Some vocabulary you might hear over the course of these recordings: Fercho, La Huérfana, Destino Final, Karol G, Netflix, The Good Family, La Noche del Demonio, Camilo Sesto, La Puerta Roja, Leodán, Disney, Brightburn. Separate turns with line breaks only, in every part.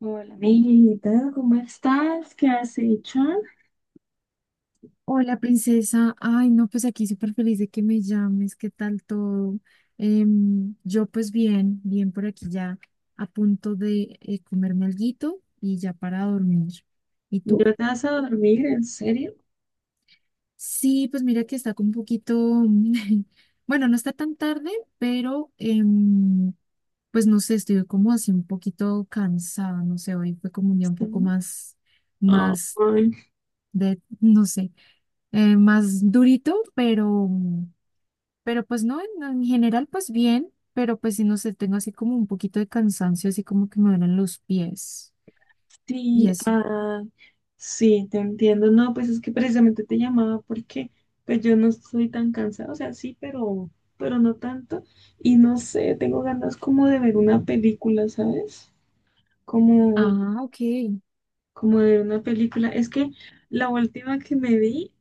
Hola, amiguita, ¿cómo estás? ¿Qué has hecho?
Hola, princesa. Ay, no, pues aquí súper feliz de que me llames. ¿Qué tal todo? Yo pues bien, bien por aquí ya a punto de comerme alguito y ya para dormir. ¿Y tú?
¿Ya te vas a dormir? ¿En serio?
Sí, pues mira que está como un poquito, bueno, no está tan tarde, pero pues no sé, estoy como así un poquito cansada, no sé, hoy fue como un día un poco
Sí.
más, más
Ay,
de, no sé, más durito, pero... Pero pues no, en general pues bien, pero pues si no sé, tengo así como un poquito de cansancio, así como que me duelen los pies y
sí,
eso.
ah, sí, te entiendo. No, pues es que precisamente te llamaba porque pues yo no estoy tan cansada, o sea, sí, pero no tanto. Y no sé, tengo ganas como de ver una película, ¿sabes? Como,
Ah, ok.
como de ver una película. Es que la última que me vi,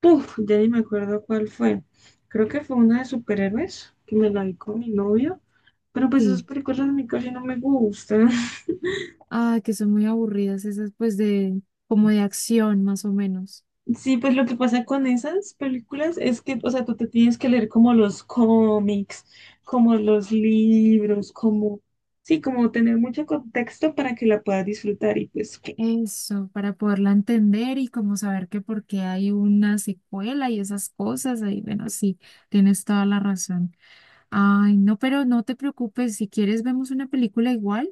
puf, ya ni me acuerdo cuál fue. Creo que fue una de superhéroes, que me la vi con mi novio. Pero pues
Sí.
esas películas a mí casi no me gustan.
Ah, que son muy aburridas esas pues de como de acción más o menos.
Sí, pues lo que pasa con esas películas es que, o sea, tú te tienes que leer como los cómics, como los libros, como, sí, como tener mucho contexto para que la puedas disfrutar y pues que...
Eso, para poderla entender y como saber que por qué hay una secuela y esas cosas, ahí bueno, sí, tienes toda la razón. Ay, no, pero no te preocupes, si quieres vemos una película igual,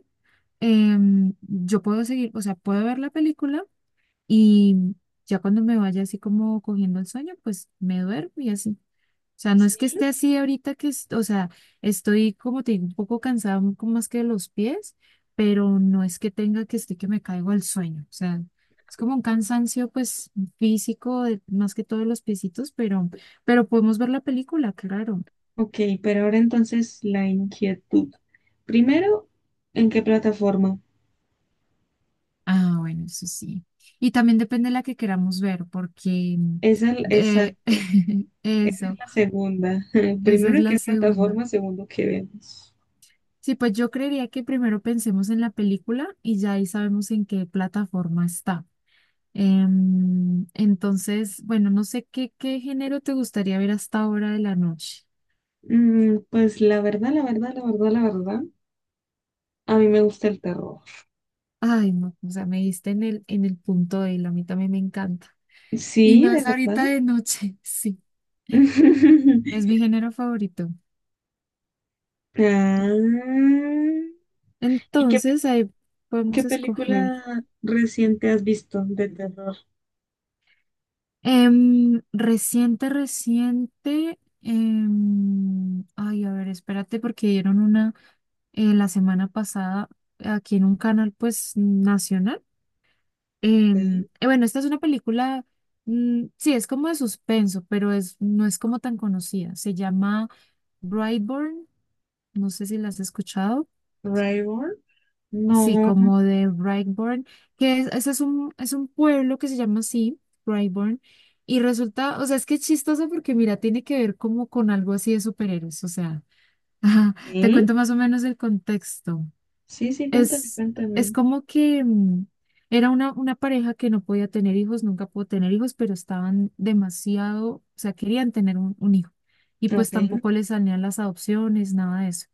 yo puedo seguir, o sea, puedo ver la película y ya cuando me vaya así como cogiendo el sueño, pues me duermo y así. O sea, no es que
Sí.
esté así ahorita que, o sea, estoy como te digo, un poco cansada, un poco más que de los pies, pero no es que tenga que esté que me caigo al sueño. O sea, es como un cansancio pues físico, más que todo de los piecitos, pero podemos ver la película, claro.
Ok, pero ahora entonces la inquietud. Primero, ¿en qué plataforma?
Ah, bueno, eso sí. Y también depende de la que queramos ver, porque
Esa es,
eh,
exacto, esa es
eso,
la segunda.
esa
Primero,
es
¿en
la
qué
segunda.
plataforma? Segundo, ¿qué vemos?
Sí, pues yo creería que primero pensemos en la película y ya ahí sabemos en qué plataforma está. Entonces, bueno, no sé qué, qué género te gustaría ver hasta ahora de la noche.
Mm, pues la verdad, a mí me gusta el terror.
Ay, no, o sea, me diste en el punto de él, a mí también me encanta. Y
Sí, de
más ahorita
verdad.
de noche, sí, es mi género favorito.
Ah, ¿y qué, pe-
Entonces, ahí podemos
¿qué
escoger.
película reciente has visto de terror?
Reciente, reciente. Ay, a ver, espérate, porque dieron una la semana pasada aquí en un canal, pues, nacional.
¿Sí?
Bueno, esta es una película, mm, sí, es como de suspenso, pero es, no es como tan conocida. Se llama Brightburn, no sé si la has escuchado.
¿Rival?
Sí,
No.
como de Brightburn, ese es un pueblo que se llama así, Brightburn, y resulta, o sea, es que es chistoso porque mira, tiene que ver como con algo así de superhéroes, o sea, ajá, te
¿Sí?
cuento más o menos el contexto.
Sí, sí, cuéntame,
Es, es
cuéntame.
como que mm, era una pareja que no podía tener hijos, nunca pudo tener hijos, pero estaban demasiado, o sea, querían tener un hijo, y pues
Ok,
tampoco les salían las adopciones, nada de eso.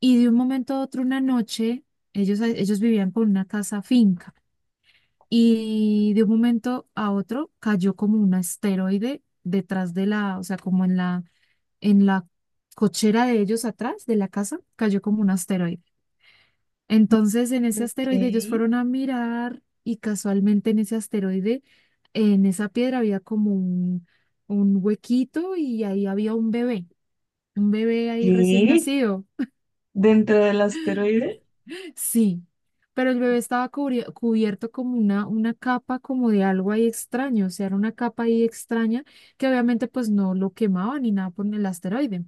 Y de un momento a otro, una noche, ellos vivían con una casa finca y de un momento a otro cayó como un asteroide detrás de la, o sea, como en la cochera de ellos atrás de la casa, cayó como un asteroide. Entonces, en ese
ok.
asteroide ellos fueron a mirar y casualmente en ese asteroide, en esa piedra había como un huequito y ahí había un bebé ahí recién
¿Qué?
nacido.
¿Dentro del asteroide?
Sí, pero el bebé estaba cubierto como una capa como de algo ahí extraño, o sea, era una capa ahí extraña que obviamente pues no lo quemaba ni nada por el asteroide.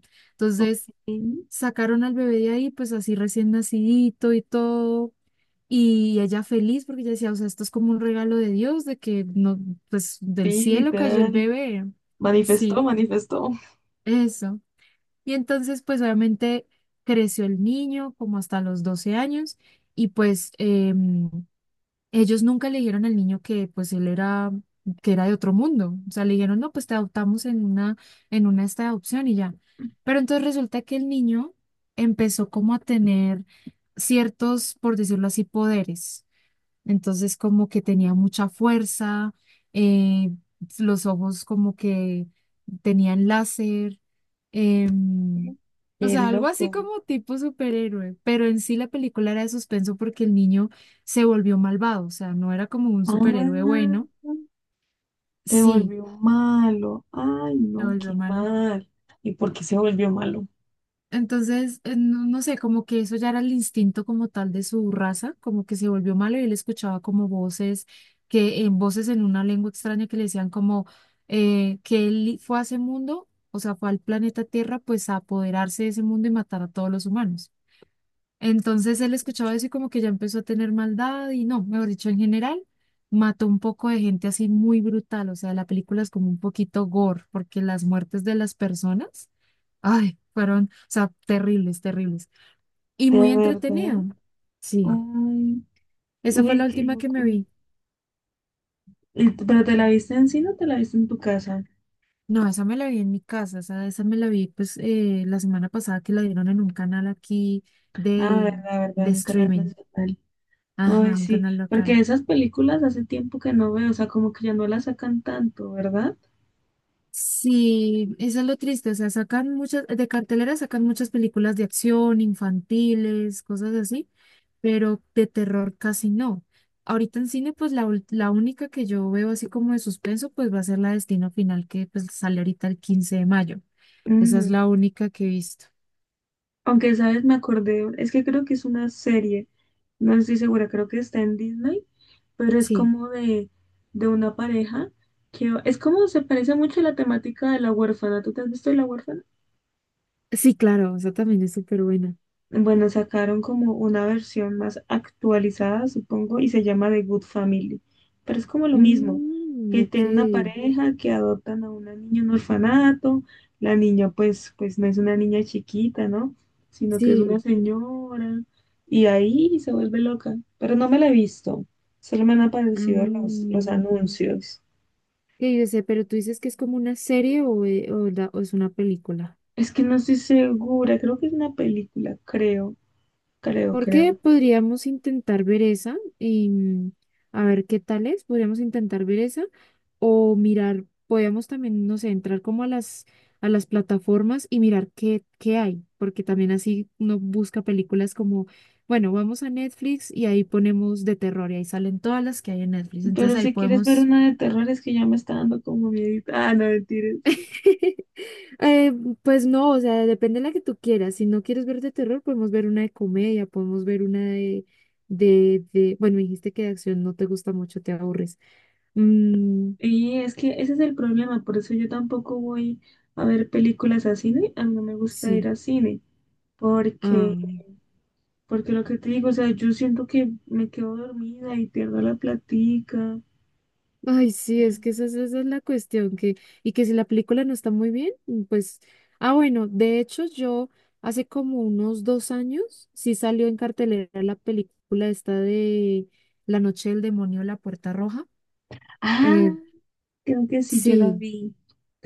Ok.
Entonces
Sí,
sacaron al bebé de ahí pues así recién nacidito y todo. Y ella feliz porque ella decía, o sea, esto es como un regalo de Dios, de que no, pues del cielo cayó el
literal.
bebé.
Manifestó,
Sí,
manifestó.
eso. Y entonces pues obviamente creció el niño como hasta los 12 años y pues... Ellos nunca le dijeron al niño que pues él era, que era de otro mundo. O sea, le dijeron, no, pues te adoptamos en una esta de adopción y ya. Pero entonces resulta que el niño empezó como a tener ciertos, por decirlo así, poderes. Entonces como que tenía mucha fuerza, eh, los ojos como que tenían láser, em, o
Qué
sea, algo así
loco.
como tipo superhéroe, pero en sí la película era de suspenso porque el niño se volvió malvado, o sea, no era como un superhéroe
Ah.
bueno,
Se
sí,
volvió malo. Ay,
se
no,
volvió
qué
malo.
mal. ¿Y por qué se volvió malo?
Entonces, no sé, como que eso ya era el instinto como tal de su raza, como que se volvió malo y él escuchaba como voces, que en voces en una lengua extraña que le decían como que él fue a ese mundo, o sea, fue al planeta Tierra, pues a apoderarse de ese mundo y matar a todos los humanos. Entonces él escuchaba eso y como que ya empezó a tener maldad y no, mejor dicho, en general, mató un poco de gente así muy brutal, o sea, la película es como un poquito gore, porque las muertes de las personas ay, fueron, o sea, terribles, terribles. Y
¿De
muy
verdad?
entretenido. Sí,
Ay,
esa fue
uy,
la
qué
última que me
loco.
vi.
¿Pero te la viste en cine o te la viste en tu casa?
No, esa me la vi en mi casa, esa me la vi pues la semana pasada que la dieron en un canal aquí
Ah, verdad,
de,
verdad,
de
en un canal
streaming.
nacional.
Ajá,
Ay,
un
sí,
canal
porque
local.
esas películas hace tiempo que no veo, o sea, como que ya no las sacan tanto, ¿verdad?
Sí, eso es lo triste, o sea, sacan muchas, de cartelera sacan muchas películas de acción, infantiles, cosas así, pero de terror casi no. Ahorita en cine, pues la, la única que yo veo así como de suspenso, pues va a ser la Destino Final, que pues sale ahorita el 15 de mayo. Esa es
Mm,
la única que he visto.
aunque, ¿sabes? Me acordé, es que creo que es una serie, no estoy segura, creo que está en Disney, pero es
Sí,
como de una pareja que es como se parece mucho a la temática de La Huérfana. ¿Tú te has visto La Huérfana?
sí, claro, esa también es súper buena.
Bueno, sacaron como una versión más actualizada, supongo, y se llama The Good Family. Pero es como lo mismo,
Mm,
que
ok,
tiene una pareja que adoptan a una niña en un orfanato, la niña pues, pues no es una niña chiquita, ¿no? Sino que es una
sí.
señora, y ahí se vuelve loca. Pero no me la he visto, solo me han aparecido los
Mm,
anuncios.
que yo sé, pero tú dices que es como una serie o o es una película.
Es que no estoy segura, creo que es una película, creo, creo,
Porque
creo.
podríamos intentar ver esa y mm, a ver qué tal es. Podríamos intentar ver esa o mirar, podríamos también, no sé, entrar como a las plataformas y mirar qué, qué hay, porque también así uno busca películas como, bueno, vamos a Netflix y ahí ponemos de terror y ahí salen todas las que hay en Netflix.
Pero
Entonces ahí
si quieres ver
podemos
una de terror, es que ya me está dando como miedo. Ah, no, mentiras.
eh, pues no, o sea, depende de la que tú quieras. Si no quieres ver de terror, podemos ver una de comedia, podemos ver una de, de... Bueno, me dijiste que de acción no te gusta mucho, te aburres. Mm,
Y es que ese es el problema, por eso yo tampoco voy a ver películas a cine, a mí no me gusta ir
sí.
a cine,
Ah.
porque, porque lo que te digo, o sea, yo siento que me quedo dormida y pierdo la platica.
Ay, sí, es que esa es la cuestión, que, y que si la película no está muy bien, mm, pues... Ah, bueno, de hecho yo hace como unos 2 años sí salió en cartelera la película esta de La Noche del Demonio, La Puerta Roja.
Ah,
Eh,
creo que sí, yo la
Sí,
vi,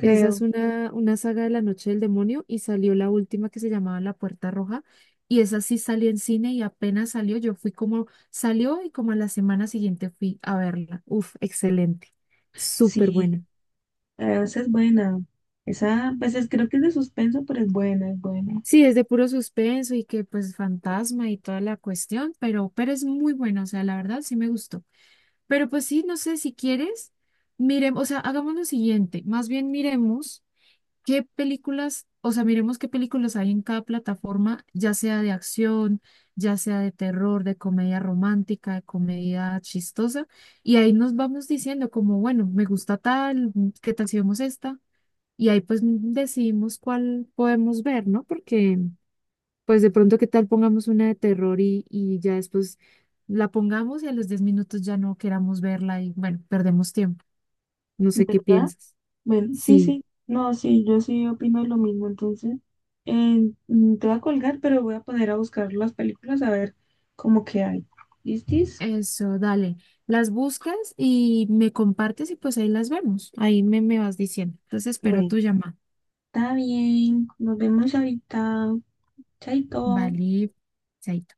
esa es una saga de La Noche del Demonio y salió la última que se llamaba La Puerta Roja y esa sí salió en cine y apenas salió, yo fui como, salió y como a la semana siguiente fui a verla. Uf, excelente, súper
sí.
buena.
Ah, esa es buena. Esa, pues es- creo que es de suspenso, pero es buena, es buena.
Sí, es de puro suspenso y que pues fantasma y toda la cuestión, pero es muy buena, o sea, la verdad sí me gustó. Pero pues sí, no sé si quieres, miremos, o sea, hagamos lo siguiente, más bien miremos. ¿Qué películas, o sea, miremos qué películas hay en cada plataforma, ya sea de acción, ya sea de terror, de comedia romántica, de comedia chistosa, y ahí nos vamos diciendo como, bueno, me gusta tal, mm, qué tal si vemos esta, y ahí pues mm, decidimos cuál podemos ver, ¿no? Porque pues de pronto qué tal pongamos una de terror y ya después la pongamos y a los 10 minutos ya no queramos verla y bueno, perdemos tiempo. No sé qué
¿Verdad?
piensas.
Bueno, sí,
Sí.
sí. No, sí, yo sí opino lo mismo. Entonces, te voy a colgar, pero voy a poner a buscar las películas a ver cómo que hay. ¿Listis?
Eso, dale. Las buscas y me compartes y pues ahí las vemos. Ahí me, me vas diciendo. Entonces espero
Bueno,
tu llamada.
está bien. Nos vemos ahorita. Chaito.
Vale. Chaito.